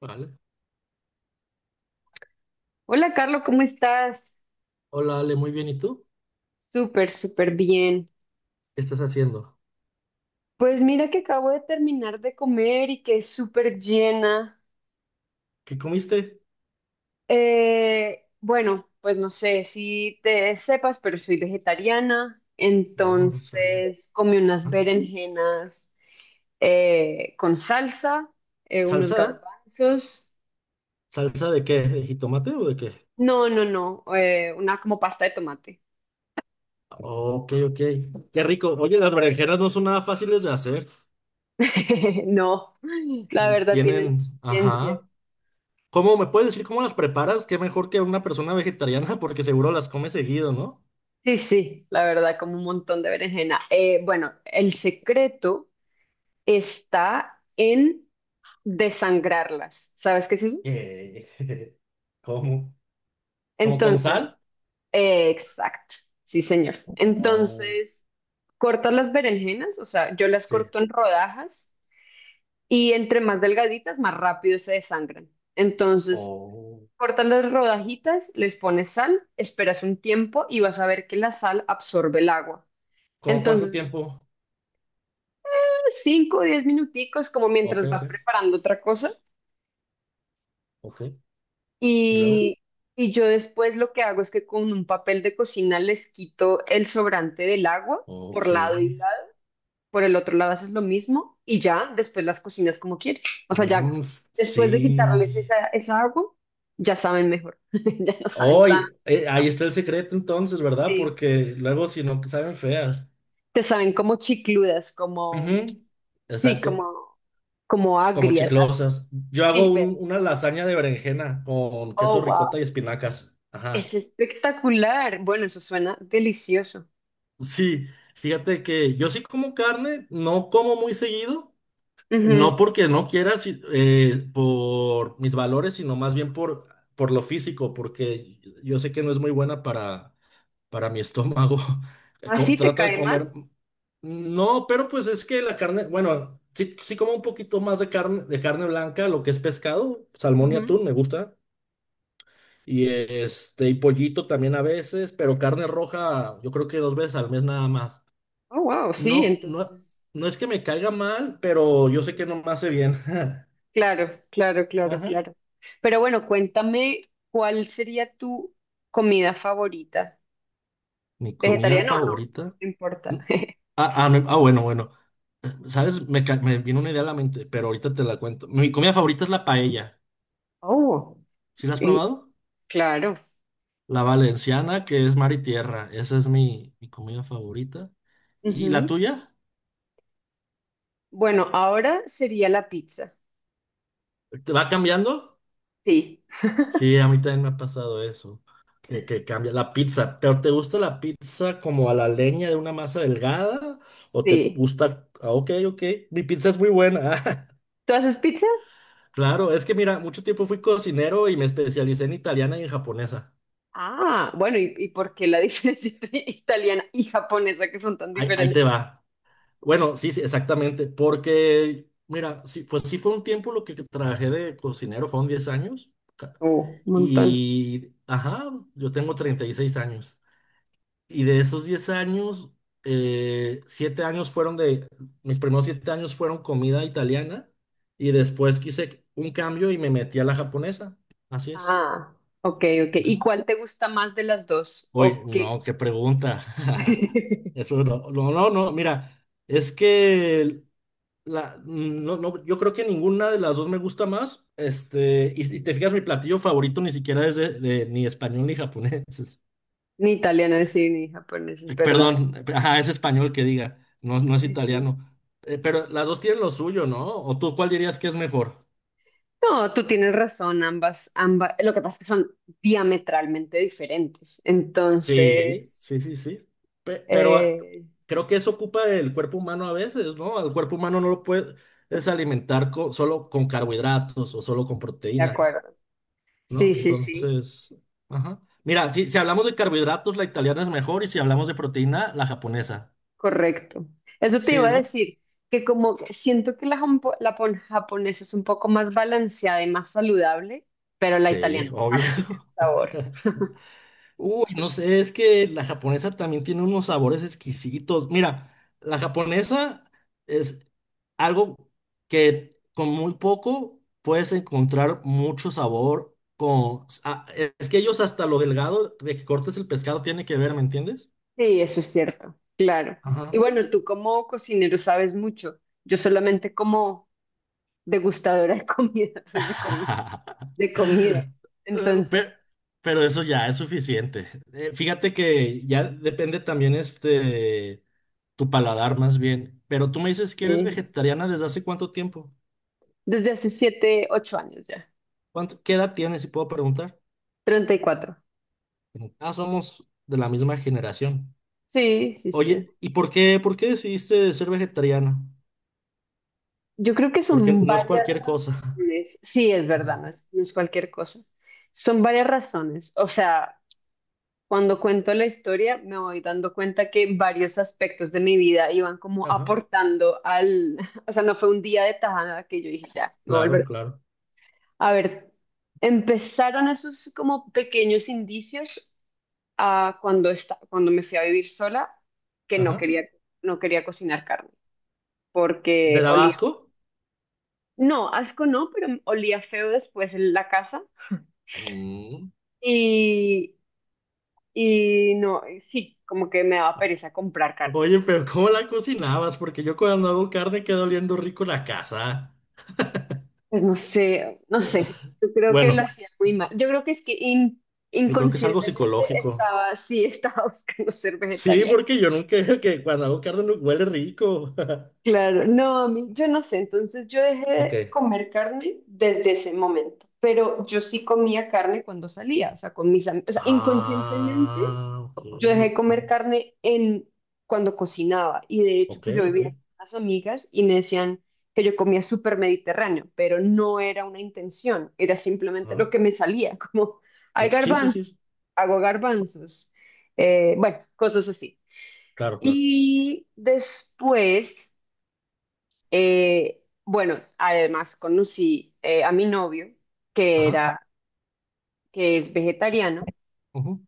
Vale. Hola, Carlos, ¿cómo estás? Hola, Ale, muy bien. ¿Y tú? Súper, súper bien. ¿Qué estás haciendo? Pues mira que acabo de terminar de comer y que es súper llena. ¿Qué comiste? Bueno, pues no sé si te sepas, pero soy vegetariana, Oh, no sabía. entonces comí unas Ah. berenjenas con salsa, unos ¿Salsa? garbanzos. ¿Salsa de qué? ¿De jitomate o de qué? No, no, no, una como pasta de tomate. Ok, ok. Qué rico. Oye, las berenjenas no son nada fáciles de hacer. No, la verdad tienen Tienen, su ciencia. ajá. ¿Cómo me puedes decir cómo las preparas? Qué mejor que una persona vegetariana, porque seguro las come seguido, ¿no? Sí, sí, la verdad, como un montón de berenjena. Bueno, el secreto está en desangrarlas. ¿Sabes qué es eso? ¿Qué? ¿Cómo? ¿Cómo con Entonces, sal? Exacto, sí, señor. Oh. Entonces, cortas las berenjenas, o sea, yo las Sí. corto en rodajas y entre más delgaditas, más rápido se desangran. Entonces, Oh. cortas las rodajitas, les pones sal, esperas un tiempo y vas a ver que la sal absorbe el agua. ¿Cómo cuánto Entonces, tiempo? 5 o 10 minuticos, como Ok, mientras ok. vas preparando otra cosa. Ok. ¿Y luego? Y, y yo después lo que hago es que con un papel de cocina les quito el sobrante del agua por Ok. lado y lado. Por el otro lado haces lo mismo y ya después las cocinas como quieres. O sea, ya Mm, después de quitarles sí. esa agua, ya saben mejor. Ya no saben tan. Hoy, ahí está el secreto entonces, ¿verdad? Sí. Porque luego si no, saben feas. Te saben como chicludas, Ujú, como, sí, exacto. como, como Como agrias. Así, chiclosas. Yo hago pero, una lasaña de berenjena con queso oh, wow. ricota y espinacas. Es Ajá. espectacular. Bueno, eso suena delicioso. Sí, fíjate que yo sí como carne, no como muy seguido. No Ujú. porque no quiera, por mis valores, sino más bien por lo físico, porque yo sé que no es muy buena para mi estómago. ¿Así te Trato de cae mal? comer. No, pero pues es que la carne, bueno, sí, sí como un poquito más de carne blanca, lo que es pescado, salmón y Ujú. atún, me gusta. Y pollito también a veces, pero carne roja, yo creo que dos veces al mes nada más. Oh, wow, sí, No, no, entonces. no es que me caiga mal, pero yo sé que no me hace bien. Claro, claro, claro, Ajá. claro. Pero bueno, cuéntame, ¿cuál sería tu comida favorita? Mi comida ¿Vegetariana o no? favorita. No Mm, importa. Bueno, bueno. ¿Sabes? Me vino una idea a la mente, pero ahorita te la cuento. Mi comida favorita es la paella. Oh, ¿Sí la has y probado? claro. La valenciana, que es mar y tierra. Esa es mi comida favorita. ¿Y la Ujú. tuya? Bueno, ahora sería la pizza. ¿Te va cambiando? Sí, Sí, a mí también me ha pasado eso. Que cambia la pizza. ¿Pero te gusta la pizza como a la leña de una masa delgada? ¿O te sí. gusta? Ok, ok. Mi pizza es muy buena. ¿Tú haces pizza? Claro, es que mira, mucho tiempo fui cocinero y me especialicé en italiana y en japonesa. Ah, bueno, y por qué la diferencia entre italiana y japonesa que son tan Ahí te diferentes? va. Bueno, sí, sí, exactamente, porque, mira, sí, pues sí fue un tiempo lo que trabajé de cocinero, fueron 10 años, ca- Oh, un montón. y, ajá, yo tengo 36 años, y de esos 10 años, 7 años mis primeros 7 años fueron comida italiana, y después quise un cambio y me metí a la japonesa, así es. Ah, ok, ok. Ajá. ¿Y cuál te gusta más de las dos? Uy, ¿O no, qué? qué pregunta. Eso no, no, no, no, mira, es que no, no, yo creo que ninguna de las dos me gusta más. Y te fijas, mi platillo favorito ni siquiera es de, ni español ni japonés. Ni italiana, sí, ni japonesa, es verdad. Perdón, ajá, es español que diga, no, no es Sí, sí. italiano. Pero las dos tienen lo suyo, ¿no? ¿O tú cuál dirías que es mejor? No, tú tienes razón, ambas, ambas. Lo que pasa es que son diametralmente diferentes. Sí, Entonces, sí, sí, sí. Pero eh, creo que eso ocupa el cuerpo humano a veces, ¿no? Al cuerpo humano no lo puedes alimentar solo con carbohidratos o solo con de proteínas. acuerdo. Sí, ¿No? sí, sí, Entonces, ajá. Mira, si hablamos de carbohidratos, la italiana es mejor y si hablamos de proteína, la japonesa. correcto. Eso te iba Sí, a ¿no? decir, que como siento que la japonesa es un poco más balanceada y más saludable, pero la Sí, italiana es más obvio. rica en sabor. Uy, no sé, es que la japonesa también tiene unos sabores exquisitos. Mira, la japonesa es algo que con muy poco puedes encontrar mucho sabor. Es que ellos hasta lo delgado de que cortes el pescado tiene que ver, ¿me entiendes? Sí, eso es cierto, claro. Y Ajá. bueno, tú como cocinero sabes mucho. Yo solamente como degustadora de comida, pues, de comida. Eh, Entonces, Pero, pero eso ya es suficiente. Fíjate que ya depende también tu paladar más bien. Pero tú me dices que eres sí, vegetariana desde hace cuánto tiempo. desde hace 7, 8 años ya. Qué edad tienes, si puedo preguntar? 34. Ah, somos de la misma generación. Sí, sí, sí. Oye, ¿y por qué decidiste ser vegetariana? Yo creo que Porque son no es varias cualquier cosa. razones. Sí, es verdad, no Ajá, es, no es cualquier cosa. Son varias razones. O sea, cuando cuento la historia, me voy dando cuenta que varios aspectos de mi vida iban como ajá. aportando al, o sea, no fue un día de tajada que yo dije, ya, me voy a Claro, volver. claro. A ver, empezaron esos como pequeños indicios a cuando cuando me fui a vivir sola, que no Ajá. quería, no quería cocinar carne, ¿Te porque daba olía, asco? no, asco no, pero olía feo después en la casa Mm. y, y no, sí, como que me daba pereza comprar carne. Oye, pero ¿cómo la cocinabas? Porque yo cuando hago carne queda oliendo rico la casa. Pues no sé, no sé. Yo creo que lo Bueno, hacía muy mal. Yo creo que es que yo creo que es algo inconscientemente psicológico. estaba, sí, estaba buscando ser Sí, vegetariana. porque yo nunca que cuando hago carne no huele rico. Claro, no, a mí- yo no sé. Entonces yo dejé Ok. de comer carne desde ese momento. Pero yo sí comía carne cuando salía, o sea, con mis amigos. O sea, inconscientemente. Ah, ok, Yo dejé de ok. comer carne en cuando cocinaba y de hecho Ok, pues yo ok. vivía con unas amigas y me decían que yo comía súper mediterráneo, pero no era una intención, era simplemente Ajá. lo que me salía, como hay Sí, sí, garbanzos, sí. Sí. hago garbanzos, bueno, cosas así. Claro, claro. Y después, bueno, además conocí a mi novio, que Ajá. era, que es vegetariano. Ujú.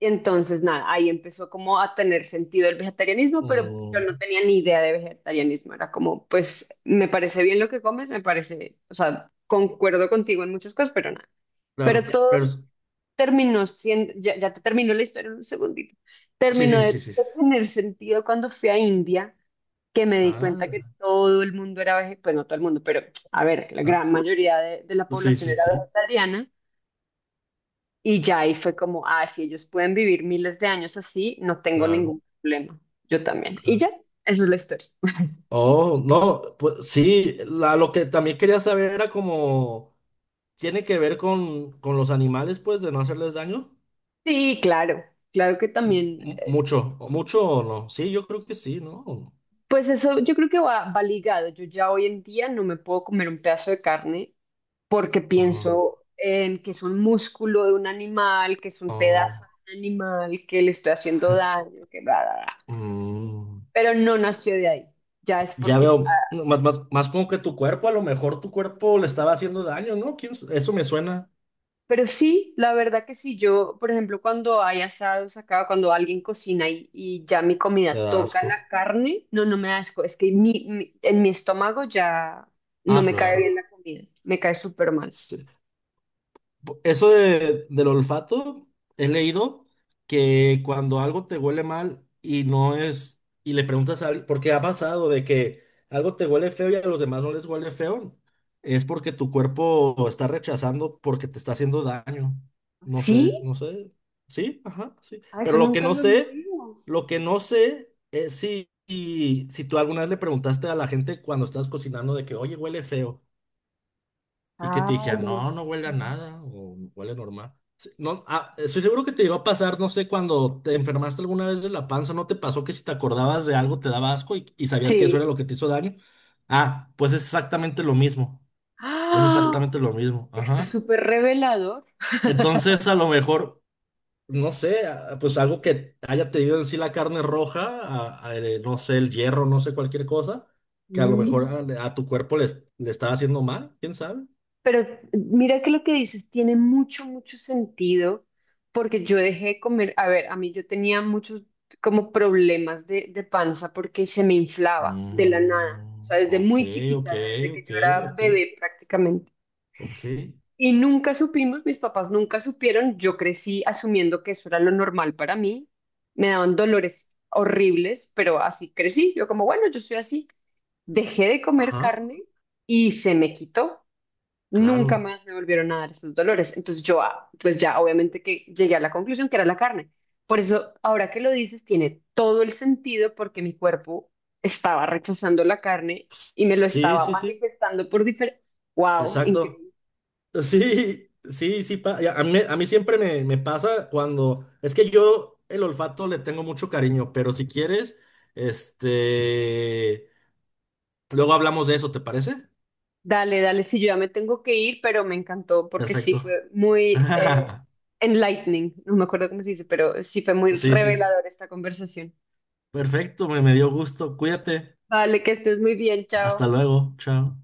Entonces, nada, ahí empezó como a tener sentido el vegetarianismo, pero yo Mm, no tenía ni idea de vegetarianismo. Era como, pues, me parece bien lo que comes, me parece, o sea, concuerdo contigo en muchas cosas, pero nada. Pero claro. todo Pero terminó siendo, ya, ya te terminó la historia en un segundito. sí, Terminó sí, sí, de sí, sí. tener sentido cuando fui a India, que me di cuenta que Ah. todo el mundo era vegetariano, pues no todo el mundo, pero a ver, que la gran Ah, mayoría de la sí, población sí, era sí. vegetariana. Y ya ahí fue como, ah, si ellos pueden vivir miles de años así, no tengo Claro, ningún problema. Yo también. Y claro. ya, esa es la historia. Oh, no, pues sí, lo que también quería saber era como, ¿tiene que ver con los animales, pues, de no hacerles daño? Sí, claro, claro que también. Mucho, o mucho o no. Sí, yo creo que sí, ¿no? Pues eso yo creo que va ligado. Yo ya hoy en día no me puedo comer un pedazo de carne porque Ajá, pienso en que es un músculo de un animal, que es un pedazo ajá. de un animal, que le estoy haciendo daño, que bla, bla, bla. Mm, Pero no nació de ahí. Ya es ya porque sí. veo, no, más, más, más como que tu cuerpo, a lo mejor tu cuerpo le estaba haciendo daño, ¿no? Eso me suena. Pero sí, la verdad que sí, yo, por ejemplo, cuando hay asados acá, cuando alguien cocina y ya mi Te comida da toca asco. la carne, no, no me da asco, es que en mi estómago ya no Ah, me cae bien la claro. comida, me cae súper mal. Sí. Eso del olfato, he leído que cuando algo te huele mal y no es, y le preguntas a alguien, porque ha pasado de que algo te huele feo y a los demás no les huele feo, es porque tu cuerpo está rechazando porque te está haciendo daño. No ¿Sí? sé, no sé. Sí, ajá, sí. Ah, eso Pero lo que nunca no lo había sé, oído. lo que no sé es si tú alguna vez le preguntaste a la gente cuando estás cocinando de que, oye, huele feo. Y que te Ay, dijera, no no, no huele sé. a nada, o huele normal. Sí, no, estoy seguro que te llegó a pasar, no sé, cuando te enfermaste alguna vez de la panza, ¿no te pasó que si te acordabas de algo te daba asco y sabías que eso era Sí. lo que te hizo daño? Ah, pues es exactamente lo mismo, es ¡Ah! exactamente lo mismo, Esto es ajá. súper revelador. Entonces, a lo mejor, no sé, pues algo que haya tenido en sí la carne roja, no sé, el hierro, no sé, cualquier cosa, que a lo mejor Mm. a tu cuerpo le estaba haciendo mal, ¿quién sabe? Pero mira que lo que dices tiene mucho, mucho sentido, porque yo dejé de comer, a ver, a mí yo tenía muchos como problemas de panza porque se me inflaba de la nada, o sea, Mm, desde ok, muy chiquita, ok, desde que ok, yo era ok, bebé prácticamente. ok. Y nunca supimos, mis papás nunca supieron, yo crecí asumiendo que eso era lo normal para mí, me daban dolores horribles, pero así crecí, yo como, bueno, yo soy así. Dejé de comer Ajá, carne y se me quitó. Nunca claro. más me volvieron a dar esos dolores. Entonces yo, ah, pues ya obviamente que llegué a la conclusión que era la carne. Por eso, ahora que lo dices, tiene todo el sentido porque mi cuerpo estaba rechazando la carne y me lo Sí, estaba sí, sí. manifestando por diferente. ¡Wow! Exacto. Increíble. Sí, sí, sí. Ya, a mí siempre me pasa. Es que yo el olfato le tengo mucho cariño, pero si quieres, este... luego hablamos de eso, ¿te parece? Dale, dale, sí, yo ya me tengo que ir, pero me encantó porque sí Perfecto. fue muy enlightening. No me acuerdo cómo se dice, pero sí fue muy Sí, sí. revelador esta conversación. Perfecto, me dio gusto. Cuídate. Vale, que estés muy bien, Hasta chao. luego. Chao.